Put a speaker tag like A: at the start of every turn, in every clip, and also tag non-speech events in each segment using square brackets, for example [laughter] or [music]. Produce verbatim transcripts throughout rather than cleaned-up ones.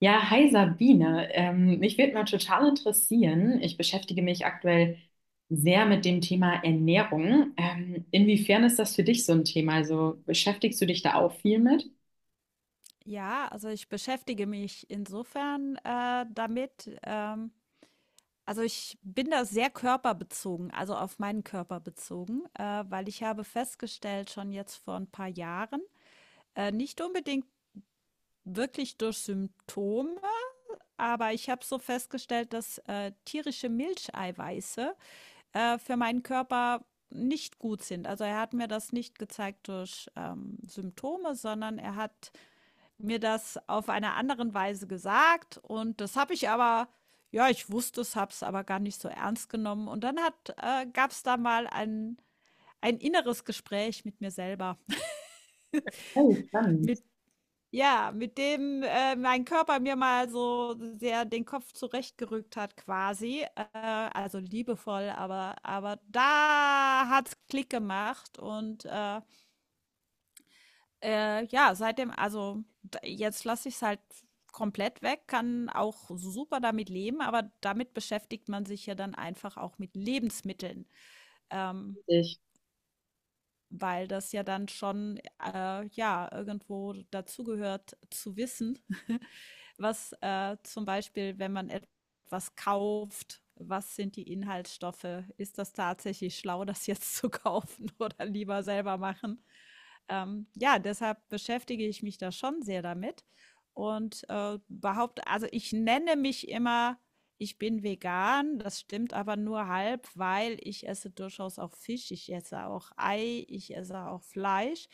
A: Ja, hi Sabine. Ähm, mich würde mal total interessieren. Ich beschäftige mich aktuell sehr mit dem Thema Ernährung. Ähm, inwiefern ist das für dich so ein Thema? Also beschäftigst du dich da auch viel mit?
B: Ja, also ich beschäftige mich insofern äh, damit. Ähm, also ich bin da sehr körperbezogen, also auf meinen Körper bezogen, äh, weil ich habe festgestellt, schon jetzt vor ein paar Jahren, äh, nicht unbedingt wirklich durch Symptome, aber ich habe so festgestellt, dass äh, tierische Milcheiweiße äh, für meinen Körper nicht gut sind. Also er hat mir das nicht gezeigt durch ähm, Symptome, sondern er hat mir das auf einer anderen Weise gesagt, und das habe ich aber, ja, ich wusste es, habe es aber gar nicht so ernst genommen. Und dann hat äh, gab's da mal ein ein inneres Gespräch mit mir selber.
A: Oh,
B: [laughs]
A: spannend.
B: Mit, ja, mit dem, äh, mein Körper mir mal so sehr den Kopf zurechtgerückt hat quasi, äh, also liebevoll, aber aber da hat's Klick gemacht und, äh Äh, ja, seitdem, also, d jetzt lasse ich es halt komplett weg, kann auch super damit leben, aber damit beschäftigt man sich ja dann einfach auch mit Lebensmitteln. Ähm,
A: Richtig.
B: Weil das ja dann schon, äh, ja, irgendwo dazugehört zu wissen, [laughs] was, äh, zum Beispiel, wenn man etwas kauft, was sind die Inhaltsstoffe? Ist das tatsächlich schlau, das jetzt [laughs] zu kaufen oder lieber selber machen? Ähm, ja, deshalb beschäftige ich mich da schon sehr damit und äh, behaupte, also ich nenne mich immer, ich bin vegan. Das stimmt aber nur halb, weil ich esse durchaus auch Fisch, ich esse auch Ei, ich esse auch Fleisch.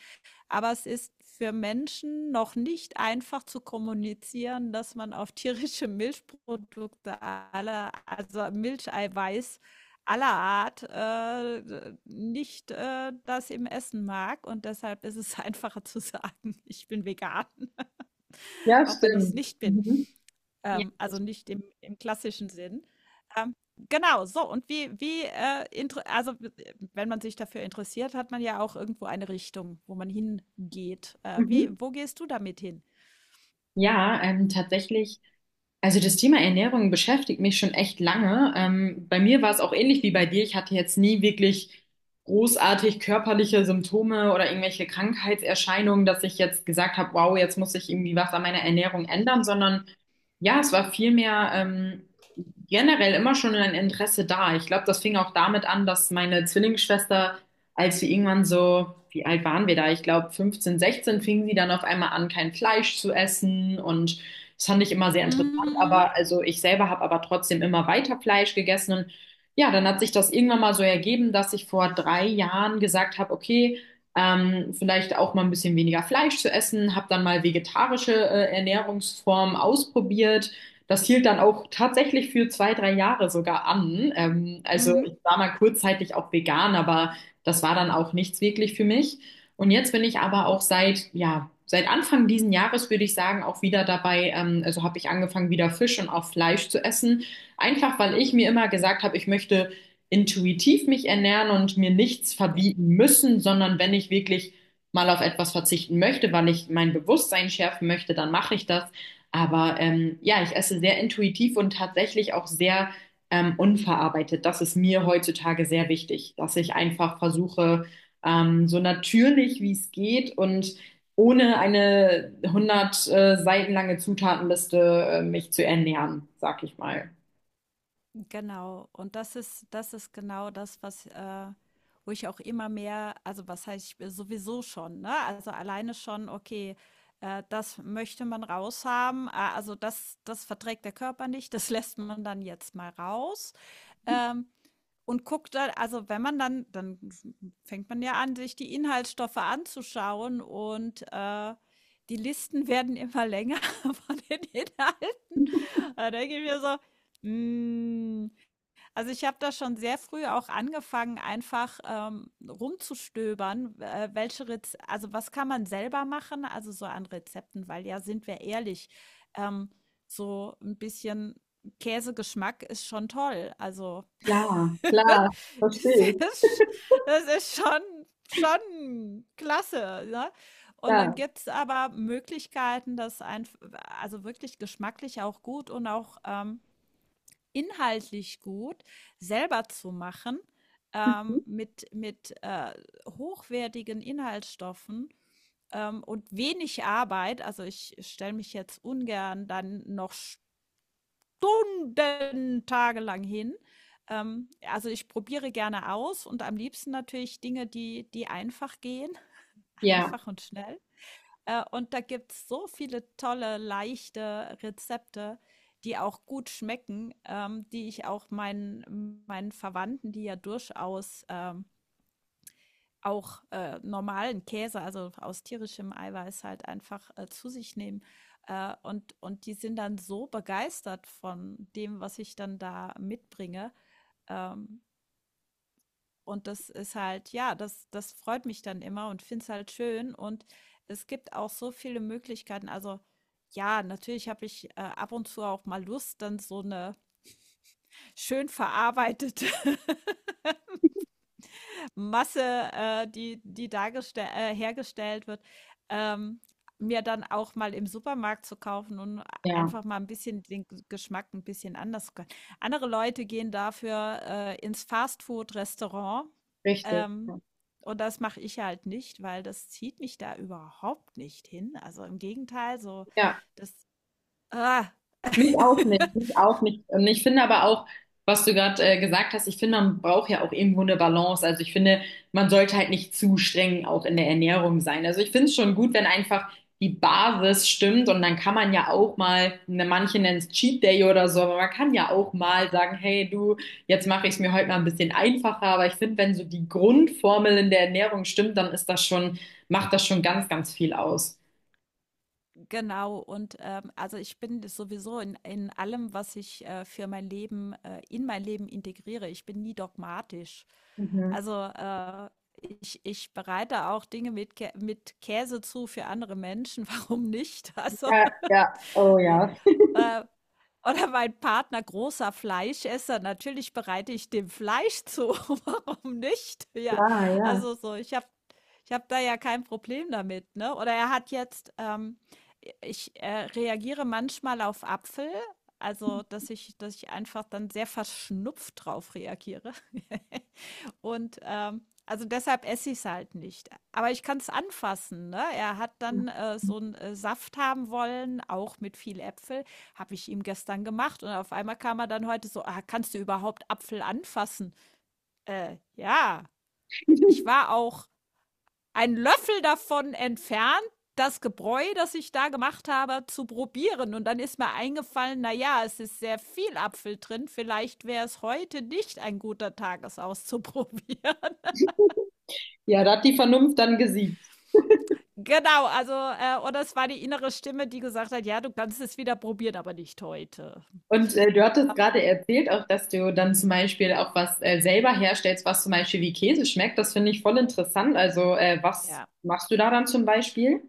B: Aber es ist für Menschen noch nicht einfach zu kommunizieren, dass man auf tierische Milchprodukte aller, also Milcheiweiß aller Art, äh, nicht äh, das im Essen mag. Und deshalb ist es [laughs] einfacher zu sagen, ich bin vegan,
A: Ja,
B: auch wenn ich es
A: stimmt.
B: nicht bin.
A: Mhm. Ja,
B: Ähm, also
A: richtig.
B: nicht im im klassischen Sinn. Ähm, genau. So, und wie wie, äh, intere also äh, wenn man sich dafür interessiert, hat man ja auch irgendwo eine Richtung, wo man hingeht. Äh, wie
A: Mhm.
B: Wo gehst du damit hin?
A: Ja, ähm, tatsächlich, also das Thema Ernährung beschäftigt mich schon echt lange. Ähm, bei mir war es auch ähnlich wie bei dir. Ich hatte jetzt nie wirklich großartig körperliche Symptome oder irgendwelche Krankheitserscheinungen, dass ich jetzt gesagt habe, wow, jetzt muss ich irgendwie was an meiner Ernährung ändern, sondern ja, es war vielmehr ähm, generell immer schon ein Interesse da. Ich glaube, das fing auch damit an, dass meine Zwillingsschwester, als wir irgendwann so, wie alt waren wir da? Ich glaube, fünfzehn, sechzehn, fing sie dann auf einmal an, kein Fleisch zu essen. Und das fand ich immer sehr interessant.
B: Mhm,
A: Aber also ich selber habe aber trotzdem immer weiter Fleisch gegessen. Und ja, dann hat sich das irgendwann mal so ergeben, dass ich vor drei Jahren gesagt habe, okay, ähm, vielleicht auch mal ein bisschen weniger Fleisch zu essen, habe dann mal vegetarische äh, Ernährungsformen ausprobiert. Das hielt dann auch tatsächlich für zwei, drei Jahre sogar an. Ähm, also
B: mhm.
A: ich war mal kurzzeitig auch vegan, aber das war dann auch nichts wirklich für mich. Und jetzt bin ich aber auch seit, ja, seit Anfang diesen Jahres würde ich sagen, auch wieder dabei, ähm, also habe ich angefangen, wieder Fisch und auch Fleisch zu essen. Einfach weil ich mir immer gesagt habe, ich möchte intuitiv mich ernähren und mir nichts
B: Ja.
A: verbieten müssen, sondern wenn ich wirklich mal auf etwas verzichten möchte, weil ich mein Bewusstsein schärfen möchte, dann mache ich das. Aber ähm, ja, ich esse sehr intuitiv und tatsächlich auch sehr ähm, unverarbeitet. Das ist mir heutzutage sehr wichtig, dass ich einfach versuche, ähm, so natürlich wie es geht und ohne eine hundert äh, Seiten lange Zutatenliste äh, mich zu ernähren, sag ich mal.
B: Genau. Und das ist, das ist genau das, was, äh, wo ich auch immer mehr, also was heißt, ich sowieso schon, ne? Also alleine schon, okay, äh, das möchte man raushaben. äh, Also das, das verträgt der Körper nicht, das [laughs] lässt man dann jetzt mal raus. Ähm, und guckt dann, also wenn man dann, dann fängt man ja an, sich die Inhaltsstoffe anzuschauen, und äh, die Listen [laughs] werden immer länger [laughs] von den Inhalten. Da denke ich mir so, Mm, also, ich habe da schon sehr früh auch angefangen, einfach, ähm, rumzustöbern, äh, welche Rez also, was kann man selber machen, also so an Rezepten, weil, ja, sind wir ehrlich, ähm, so ein bisschen Käsegeschmack ist schon toll. Also,
A: Klar,
B: [laughs]
A: klar, verstehe ich.
B: das ist, das ist schon schon klasse, ne? Und dann
A: Klar.
B: gibt es aber Möglichkeiten, das einf also wirklich geschmacklich auch gut und auch, ähm, inhaltlich gut selber zu machen,
A: Mhm.
B: ähm, mit, mit äh, hochwertigen Inhaltsstoffen ähm, und wenig Arbeit. Also ich stelle mich jetzt ungern dann noch Stunden, tagelang hin. Ähm, also ich probiere gerne aus, und am liebsten natürlich Dinge, die, die einfach gehen, [laughs]
A: Ja,
B: einfach und schnell. Äh, und da gibt's so viele tolle, leichte Rezepte, die auch gut schmecken, ähm, die ich auch meinen, meinen Verwandten, die ja durchaus, ähm, auch, äh, normalen Käse, also aus tierischem Eiweiß halt einfach, äh, zu sich nehmen. Äh, und, und die sind dann so begeistert von dem, was ich dann da mitbringe, ähm, und das ist halt, ja, das, das freut mich dann immer, und finde es halt schön. Und es gibt auch so viele Möglichkeiten. Also, ja, natürlich habe ich, äh, ab und zu auch mal Lust, dann so eine schön verarbeitete [laughs] Masse, äh, die, die dargestell äh, hergestellt wird, ähm, mir dann auch mal im Supermarkt zu kaufen und
A: ja,
B: einfach mal ein bisschen den G- Geschmack ein bisschen anders zu können. Andere Leute gehen dafür äh, ins Fastfood-Restaurant.
A: richtig.
B: Ähm,
A: Ja,
B: und das mache ich halt nicht, weil das zieht mich da überhaupt nicht hin. Also im Gegenteil, so
A: ja,
B: das. Ah,
A: mich auch nicht, mich
B: [laughs]
A: auch nicht. Und ich finde aber auch, was du gerade äh, gesagt hast, ich finde, man braucht ja auch irgendwo eine Balance. Also ich finde, man sollte halt nicht zu streng auch in der Ernährung sein. Also ich finde es schon gut, wenn einfach die Basis stimmt und dann kann man ja auch mal, ne, manche nennen es Cheat Day oder so, aber man kann ja auch
B: ja.
A: mal sagen, hey du, jetzt mache ich es mir heute mal ein bisschen einfacher. Aber ich finde, wenn so die Grundformel in der Ernährung stimmt, dann ist das schon, macht das schon ganz, ganz viel aus.
B: Genau, und ähm, also ich bin sowieso in, in allem, was ich, äh, für mein Leben, äh, in mein Leben integriere. Ich bin nie dogmatisch.
A: Mhm.
B: Also, äh, ich, ich bereite auch Dinge mit, Kä mit Käse zu für andere Menschen. [laughs] Warum nicht? Also,
A: Ja, ja, oh
B: [laughs] ne?
A: ja,
B: äh, oder mein Partner, großer Fleischesser, natürlich bereite ich dem Fleisch zu. [laughs] Warum nicht? Ja,
A: klar, ja.
B: also so, ich habe, ich hab da ja kein Problem damit, ne? Oder er hat jetzt, ähm, ich äh, reagiere manchmal auf Apfel, also dass ich, dass ich einfach dann sehr verschnupft drauf reagiere. [laughs] Und ähm, also deshalb esse ich es halt nicht. Aber ich kann es anfassen. Ne? Er hat dann, äh, so einen, äh, Saft haben wollen, auch mit viel Äpfel. Habe ich ihm gestern gemacht. Und auf einmal kam er dann heute so, ah, kannst du überhaupt Apfel anfassen? Äh, ja, ich war auch einen Löffel davon entfernt, das Gebräu, das ich da gemacht habe, zu probieren. Und dann ist mir eingefallen, naja, es ist sehr viel Apfel drin. Vielleicht wäre es heute nicht ein guter Tag, es auszuprobieren. [laughs]
A: Ja, da hat die Vernunft dann gesiegt.
B: Genau, also, äh, oder es war die innere Stimme, die gesagt hat: „Ja, du kannst es wieder probieren, aber nicht heute.“
A: Und äh, du hattest gerade erzählt auch, dass du dann zum Beispiel auch was äh, selber herstellst, was zum Beispiel wie Käse schmeckt. Das finde ich voll interessant. Also, äh, was
B: Ja.
A: machst du da dann zum Beispiel?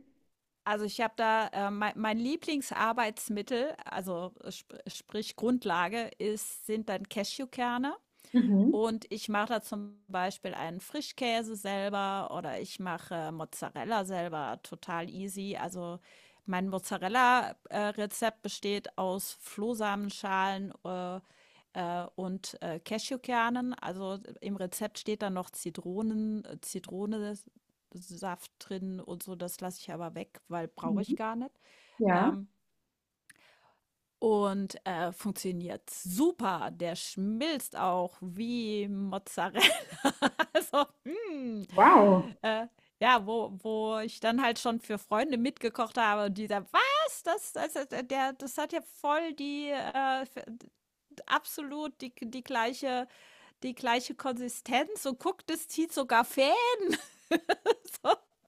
B: Also, ich habe da, äh, mei mein Lieblingsarbeitsmittel, also, äh, sp sprich Grundlage ist, sind dann Cashewkerne.
A: Mhm.
B: Und ich mache da zum Beispiel einen Frischkäse selber oder ich mache Mozzarella selber, total easy. Also mein Mozzarella-Rezept besteht aus Flohsamenschalen, äh, äh, und äh, Cashewkernen. Also im Rezept steht dann noch Zitronen, äh, Zitronensaft drin und so. Das lasse ich aber weg, weil brauche ich
A: Mhm.
B: gar nicht.
A: Ja,
B: Ähm, und, äh, funktioniert super. Der schmilzt auch wie Mozzarella. [laughs] Also, hm,
A: wow.
B: äh, ja, wo wo ich dann halt schon für Freunde mitgekocht habe und die sagen: „Was? Das das hat der, das hat ja voll die, äh, f absolut die, die gleiche, die gleiche Konsistenz, und guck, das zieht sogar fest.“ [laughs]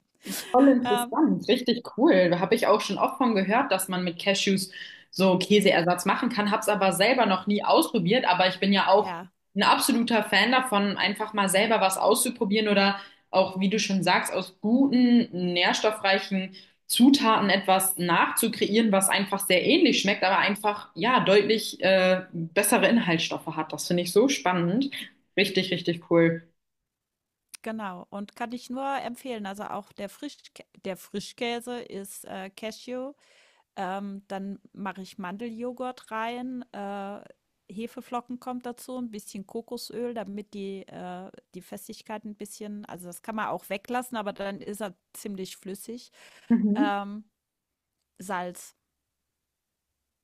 A: Voll
B: Ähm,
A: interessant, richtig cool. Da habe ich auch schon oft von gehört, dass man mit Cashews so Käseersatz machen kann, habe es aber selber noch nie ausprobiert. Aber ich bin ja auch
B: ja,
A: ein absoluter Fan davon, einfach mal selber was auszuprobieren oder auch, wie du schon sagst, aus guten, nährstoffreichen Zutaten etwas nachzukreieren, was einfach sehr ähnlich schmeckt, aber einfach, ja, deutlich äh, bessere Inhaltsstoffe hat. Das finde ich so spannend. Richtig, richtig cool.
B: genau. Und kann ich nur empfehlen. Also, auch der Frisch der Frischkäse ist, äh, Cashew Ähm, dann mache ich Mandeljoghurt rein, äh, Hefeflocken kommt dazu, ein bisschen Kokosöl, damit die, äh, die Festigkeit ein bisschen, also das kann man auch weglassen, aber dann ist er ziemlich flüssig.
A: Mhm.
B: Ähm, Salz,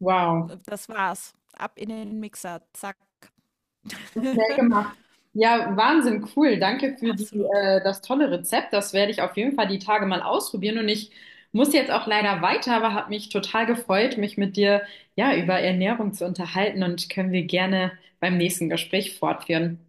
A: Wow.
B: das war's. Ab in den Mixer, zack.
A: Schnell
B: [laughs]
A: gemacht. Ja, Wahnsinn, cool. Danke für die,
B: Absolut.
A: äh, das tolle Rezept. Das werde ich auf jeden Fall die Tage mal ausprobieren. Und ich muss jetzt auch leider weiter, aber habe mich total gefreut, mich mit dir ja über Ernährung zu unterhalten und können wir gerne beim nächsten Gespräch fortführen.